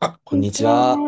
あ、ここんんににちちは。は。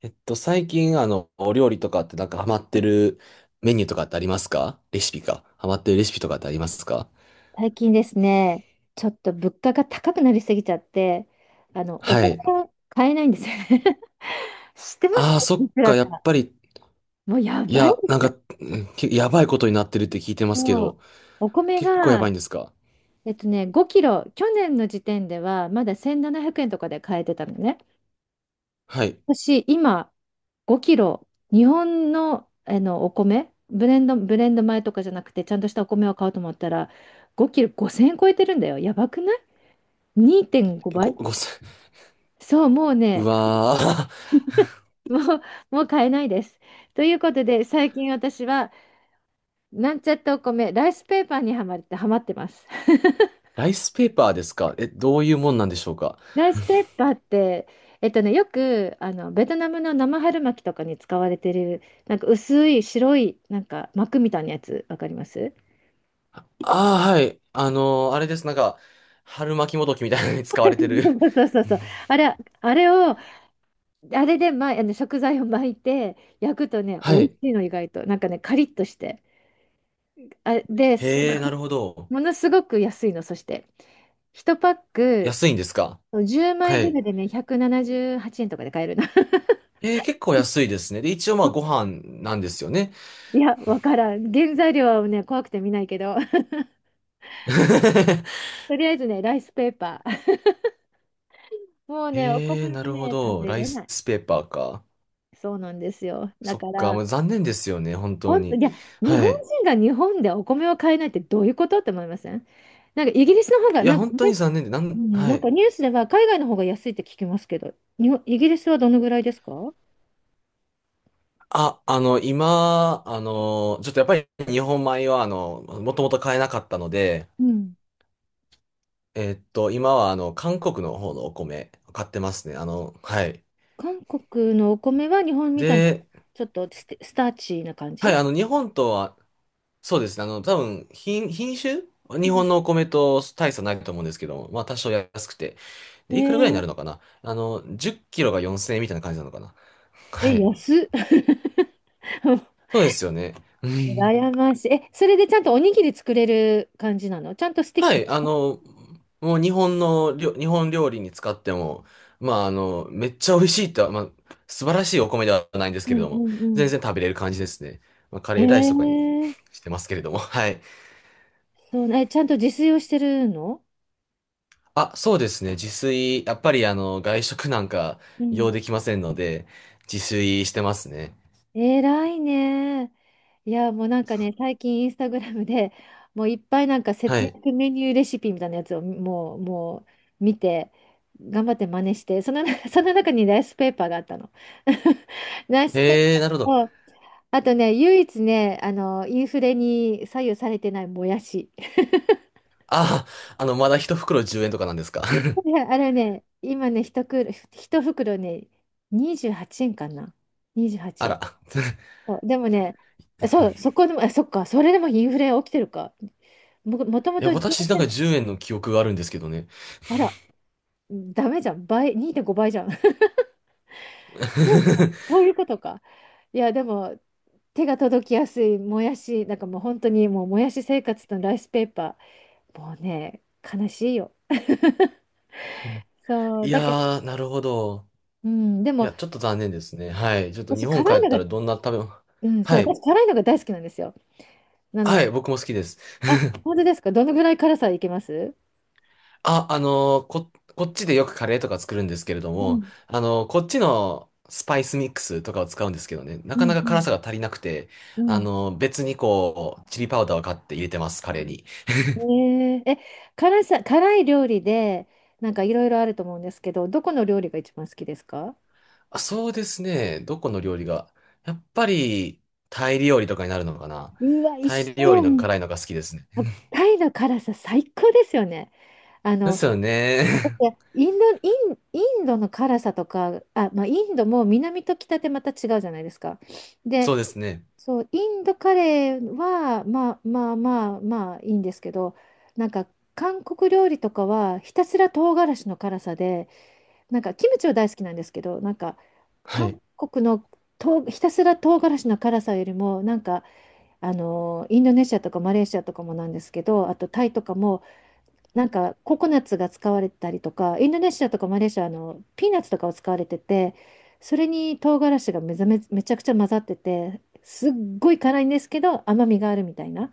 最近、お料理とかってなんかハマってるメニューとかってありますか？レシピか。ハマってるレシピとかってありますか？最近ですね、ちょっと物価が高くなりすぎちゃって、おは米い。が買えないんですよね。知ってますああ、か、そっいくか、らやっか。ぱり、もうやいばいや、でなんすよ。か、うんけやばいことになってるって聞いてますけそど、う。お米結構やばいが、んですか？5キロ、去年の時点ではまだ1700円とかで買えてたのね。はい。私、今、5キロ、日本の、お米、ブレンド米とかじゃなくて、ちゃんとしたお米を買おうと思ったら、5キロ5000円超えてるんだよ。やばくない？ 2.5 えご、倍。ごせ、そう、もう うね、わー もう、もう買えないです。ということで、最近私は、なんちゃってお米、ライスペーパーにはまってます。ライスペーパーですか？え、どういうもんなんでしょうか？ライスペーパーって、よく、あの、ベトナムの生春巻きとかに使われてる、なんか薄い白い、なんか膜みたいなやつ、わかります？ ああー、はい。あのーあれです。なんか、春巻きもどきみたいなのに使われてる。そ うそうそう。あれ、あれを、あれで、ま、あの食材を巻いて、焼くとね、美は味しい。いの、意外と。なんかね、カリッとして。あ、で、すごへいえ、なるほど。ものすごく安いの、そして。1パック安いんですか？そう10枚はぐい。らいでね、178円とかで買えるな。えー、結構安いですね。で、一応まあご 飯なんですよね。いや、わからん。原材料はね、怖くて見ないけど、とりあえずね、ライスペーパー。もうね、おえ米ー、なはるほね、食ど。べライれなスい。ペーパーか。そうなんですよ。だそかっか。ら、もう残念ですよね、本当本当、いに。や、日は本い。人が日本でお米を買えないってどういうことって思いません？なんかイギリスの方が、いや、なんか本ニ当ューにス、残念で、なうん、んはなんかい。ニュースでは海外の方が安いって聞きますけど、日本、イギリスはどのぐらいですか？あ、今、ちょっとやっぱり日本米は、もともと買えなかったので、うん。えーっと、今は、韓国の方のお米買ってますね。あの、はい。韓国のお米は日本みたいな、で、ちょっとステスターチーな感はい、じ？あの、日本とはそうですね。多分、品種日本のお米と大差ないと思うんですけども、まあ多少安くて。で、いくらぐらいになねるのかな。あの、10キロが4000円みたいな感じなのかな？え、はえ、い。安っ。そうですよね。うん。羨ましい。え、それでちゃんとおにぎり作れる感じなの？ちゃんとスティッはキ。い。あの、もう日本料理に使っても、まああの、めっちゃ美味しいとは、まあ素晴らしいお米ではないんですうけれんどうも、ん全う然食べれる感じですね。まあカん。レーライスとかに えー、してますけれども、はい。そうね、え、ちゃんと自炊をしてるの？あ、そうですね。自炊、やっぱりあの、外食なんかうん。用できませんので、自炊してますね。偉いね。いや、もうなんかね、最近インスタグラムでもういっぱいなんかは節い。約メニューレシピみたいなやつをもう見て、頑張って真似して、その、その中にライスペーパーがあったの。ライスペーへえ、パなるほど。ーを、あとね、唯一ね、あの、インフレに左右されてないもやし。ああ、まだ一袋10円とかなんですか？ ね、あれね、今ね、一袋ね、28円かな。28あ円。ら。そう、でもね、そう、そこでも、あ、そっか、それでもインフレ起きてるか。もともいや、と18私なん円。か10円の記憶があるんですけどね。あら、ダメじゃん。倍、2.5倍じゃん。そうか、そういうことか。いや、でも、手が届きやすいもやし、なんかもう本当にもうもやし生活とライスペーパー。もうね、悲しいよ。そう、いだけど、やー、なるほど。うん、でいも、や、ちょっと残念ですね。はい。ちょっと日私、本帰辛いっのたが、らどんな食べ物。うん、そう、はい。私、辛いのが大好きなんですよ。なのはで、い、僕も好きです。あ、本当ですか。どのぐらい辛さいけます？あ、こっちでよくカレーとか作るんですけれどうも、ん、あのーこっちのスパイスミックスとかを使うんですけどね、なうかなん、かう辛ん、さが足りなくて、うあん。のー別にこう、チリパウダーを買って入れてます、カレーに。ねえー、え、辛さ、辛い料理で、なんかいろいろあると思うんですけど、どこの料理が一番好きですか？あ、そうですね、どこの料理が。やっぱり、タイ料理とかになるのかな。うわ、タ一イ緒料や理のん。辛いのが好きですね。タイの辛さ、最高ですよね。あでの、すよね。いや、 インドの辛さとか、あ、まあ、インドも南と北でまた違うじゃないですか。そで、うですね。そう、インドカレーは、まあいいんですけど、なんか韓国料理とかはひたすら唐辛子の辛さで、なんかキムチは大好きなんですけど、なんかは韓い。国の唐ひたすら唐辛子の辛さよりも、なんかあのインドネシアとかマレーシアとかもなんですけど、あとタイとかもなんかココナッツが使われたりとか、インドネシアとかマレーシア、あのピーナッツとかを使われてて、それに唐辛子がめざめ、めちゃくちゃ混ざってて、すっごい辛いんですけど甘みがあるみたいな。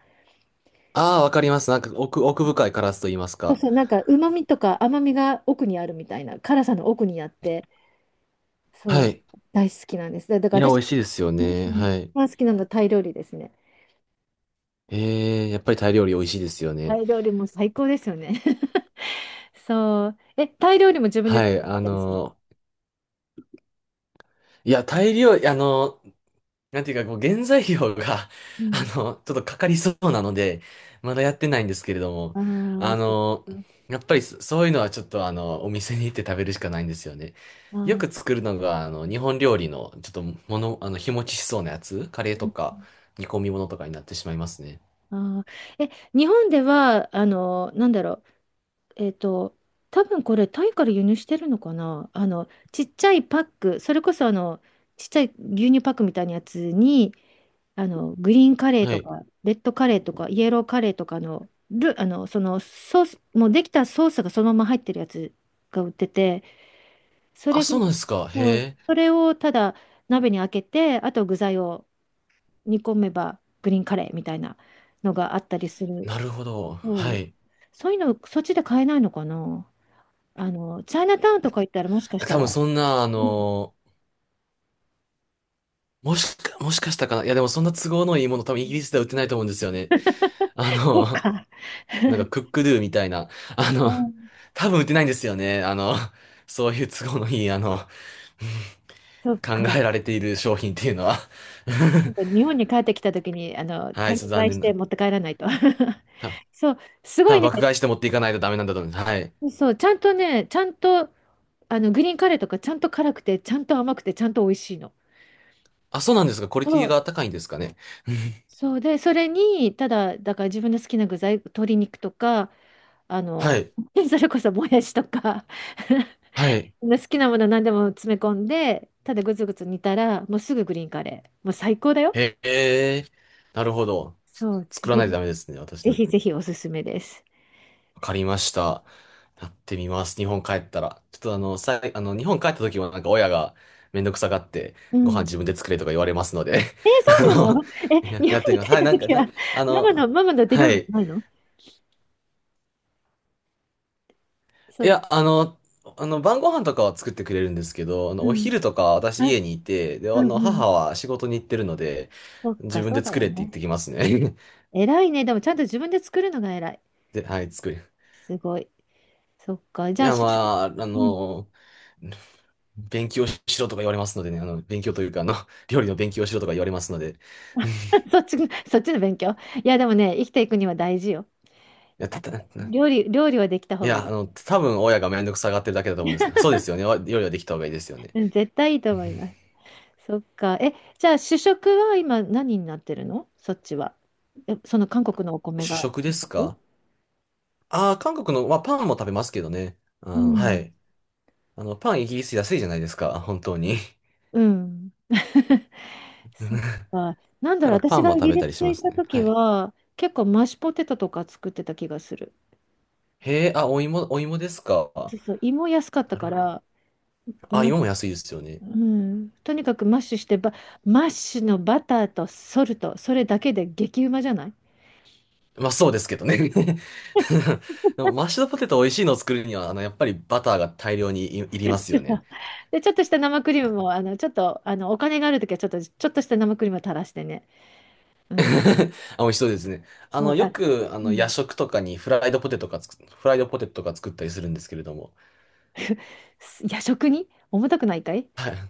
ああ、わかります。なんか奥深い辛さと言いますそうか。そう、なんか旨味とか甘みが奥にあるみたいな、辛さの奥にあって、そはう、い。大好きなんです。だいかや、ら私、美味しいですようん、ね。一はい。番好きなのはタイ料理ですね。ええ、やっぱりタイ料理美味しいですよタね。イ料理も最高ですよね。そう。え、タイ料理も自分では作っい、あたりする？の、いや、タイ料理、なんていうか、こう、原材料が、う あん。の、ちょっとかかりそうなので、まだやってないんですけれども、ああ、あそっの、か。やっぱりそういうのはちょっと、あの、お店に行って食べるしかないんですよね。あよあ。く作るのが、あの、日本料理の、ちょっと、もの、あの、日持ちしそうなやつ、カレーとか、煮込み物とかになってしまいますね。あー、え、日本では、あの、なんだろう、えっと、多分これ、タイから輸入してるのかな。あの、ちっちゃいパック、それこそ、あの、ちっちゃい牛乳パックみたいなやつに、あの、グリーンカレーはとい。か、レッドカレーとか、イエローカレーとかの、あの、そのソース、もうできたソースがそのまま入ってるやつが売ってて、そあ、れが、そうなんですか。へそう、え、それをただ鍋に開けて、あと具材を煮込めばグリーンカレーみたいなのがあったりする。なるほど。そはう。い。そういうの、そっちで買えないのかな。あの、チャイナタウンとか行ったらもしかした多分ら。そんな、あうん。のもしかしたかな。いや、でもそんな都合のいいもの多分イギリスでは売ってないと思うんですよね。あそっの、か。なんか クックドゥみたいな。あうの、ん。多分売ってないんですよね。あの、そういう都合のいい、あの、うんそっ考か。えられている商品っていうのは なんか日本に帰ってきた時に、あ の、はい、単ち価ょっと買残いし念てな。持って帰らないと。たそう、す多ごい分ね。爆買いして持っていかないとダメなんだと思います。はい。そう、ちゃんとね、ちゃんと、あの、グリーンカレーとかちゃんと辛くて、ちゃんと甘くて、ちゃんと美味しいの。あ、そうなんですか。クオリテそィがう、高いんですかね。うんそうで、それに、ただ、だから自分の好きな具材、鶏肉とか、あはの、い、それこそもやしとか、はい。好きなもの何でも詰め込んで、ただぐつぐつ煮たら、もうすぐグリーンカレー。もう最高だよ。へえ、なるほど。そう、作らないとダメですね、私ぜね。ひぜひおすすめです。わかりました。やってみます。日本帰ったら。ちょっとあの、さい、あの、日本帰った時はなんか親がめんどくさがって、うご飯ん。自分で作れとか言われますので、えー、 あそうなの、の？え、や、日やっ本てみにます。帰っはい、たなんか時な、は、あの、ママの手は料理い。ないの？そいう。や、あの、あの、晩ご飯とかは作ってくれるんですけど、あの、うおん。昼とかあ、私家にいて、で、うあんの、うん。母は仕事に行ってるので、そっか、自分そうでだ作よれって言っね。てきますね。偉いね。でもちゃんと自分で作るのが偉い。で、はい、作る。すごい。そっか。いじゃあ、や、主食、まあ、あうん。 の、勉強しろとか言われますのでね、あの、勉強というか、あの、料理の勉強しろとか言われますので、うんい そっち、そっちの勉強。いや、でもね、生きていくには大事よ。や、あた、の、た、い料理はできた方がいや、い。多分親がめんどくさがってるだけだと思うんですけど、そうですよね。わ料理はできた方がいいですよね。うん、絶対いい とうん思います。そっか。え、じゃあ主食は今何になってるの、そっちは。え、その韓国のお米主が食で主す食？か？ああー、韓国の、まあ、パンも食べますけどね。うあー、はん。い。あの、パンイギリス安いじゃないですか、本当に。うん。うそっんか。なんだかろう、らパ私ンもがイ食ギべリたスりしまに行っすたね。時はい。は、結構マッシュポテトとか作ってた気がする。へえ、あ、お芋ですか。そうそう、胃も安かっなたるかほど。ら、あ、マッ芋も安いシですよね。ュ、うん、とにかくマッシュしてば、マッシュのバターとソルト、それだけで激うまじゃない？ まあそうですけどね でもマッシュドポテト美味しいのを作るには、あの、やっぱりバターが大量にいりますよね。で、ちょっとした生クリームあ も、あの、ちょっと、あの、お金があるときは、ちょっとした生クリームを垂らしてね。うん。あ美味しそうですね。あそう、の、よあ、く、あうの、夜ん。食とかにフライドポテトとか作ったりするんですけれども。夜食に重たくないかい？はい。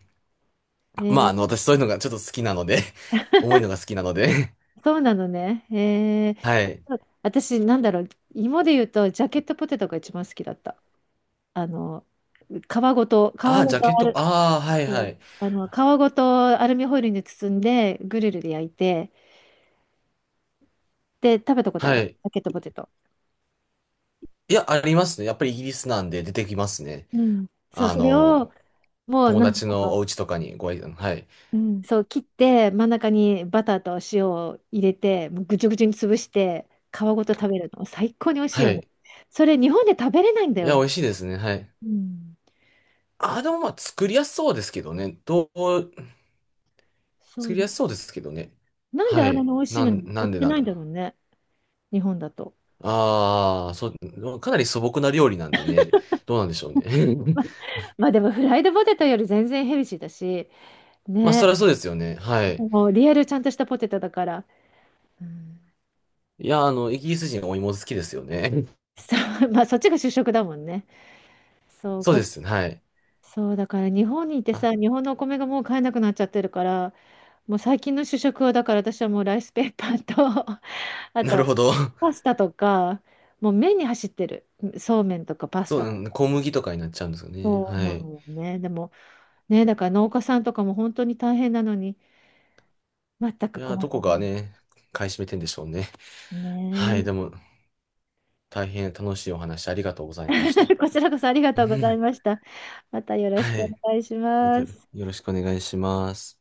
えまあ、あー、の、私そういうのがちょっと好きなので 重いのが好きなのでそうなのね。えはー、い。そう、私、なんだろう、芋で言うと、ジャケットポテトが一番好きだった。あの、皮皮ああ、ごジャケッとアト、ル、ああ、はいうはん、い。あの、皮ごとアルミホイルに包んで、グリルで焼いて、で、食べたことあはる、ジい。ャケットポテト。いや、ありますね。やっぱりイギリスなんで出てきますね。うん。そう、あそれの、を、もう、友なんか、達のお家とかにご挨拶、はい。うん、そう、切って真ん中にバターと塩を入れてもうぐちゅぐちゅに潰して皮ごと食べるの最高に美味しいはよね。い。それ日本で食べれないんだいよや、美ね。味しいですね。はい。うん、あ、でもまあ作りやすそうですけどね。どう、そ作う、りやすそうですけどね。なんではあれい。の美味しいなのん、にな売っんでてなんないんだろだ。うね、日本だと。ああ、そう、かなり素朴な料理なんでね。どうなんでしょうね。まあでもフライドポテトより全然ヘルシーだしまあ、そりゃね、そうですよね。はい。もうリアルちゃんとしたポテトだから、うん、いや、あの、イギリス人お芋好きですよね。そう。 まあそっちが主食だもんね。そう、そうこです。はい。そうだから日本にいてさ、あ、日本のお米がもう買えなくなっちゃってるから。もう最近の主食はだから私はもうライスペーパーと あなるほとど。パスタとか、もう麺に走ってる、そうめんとか パスそう、タうとんか、小麦とかになっちゃうんですよね。そうはない。のよね。でもね、だから農家さんとかも本当に大変なのに、全いくや、困っどたこもがんでね、買い占めてんでしょうね。すはい。ね。 でも、大変楽しいお話ありがとうございまし た。こちらこそありがうとうございん。ました。またよろしくはおい。願いしまたまよす。ろしくお願いします。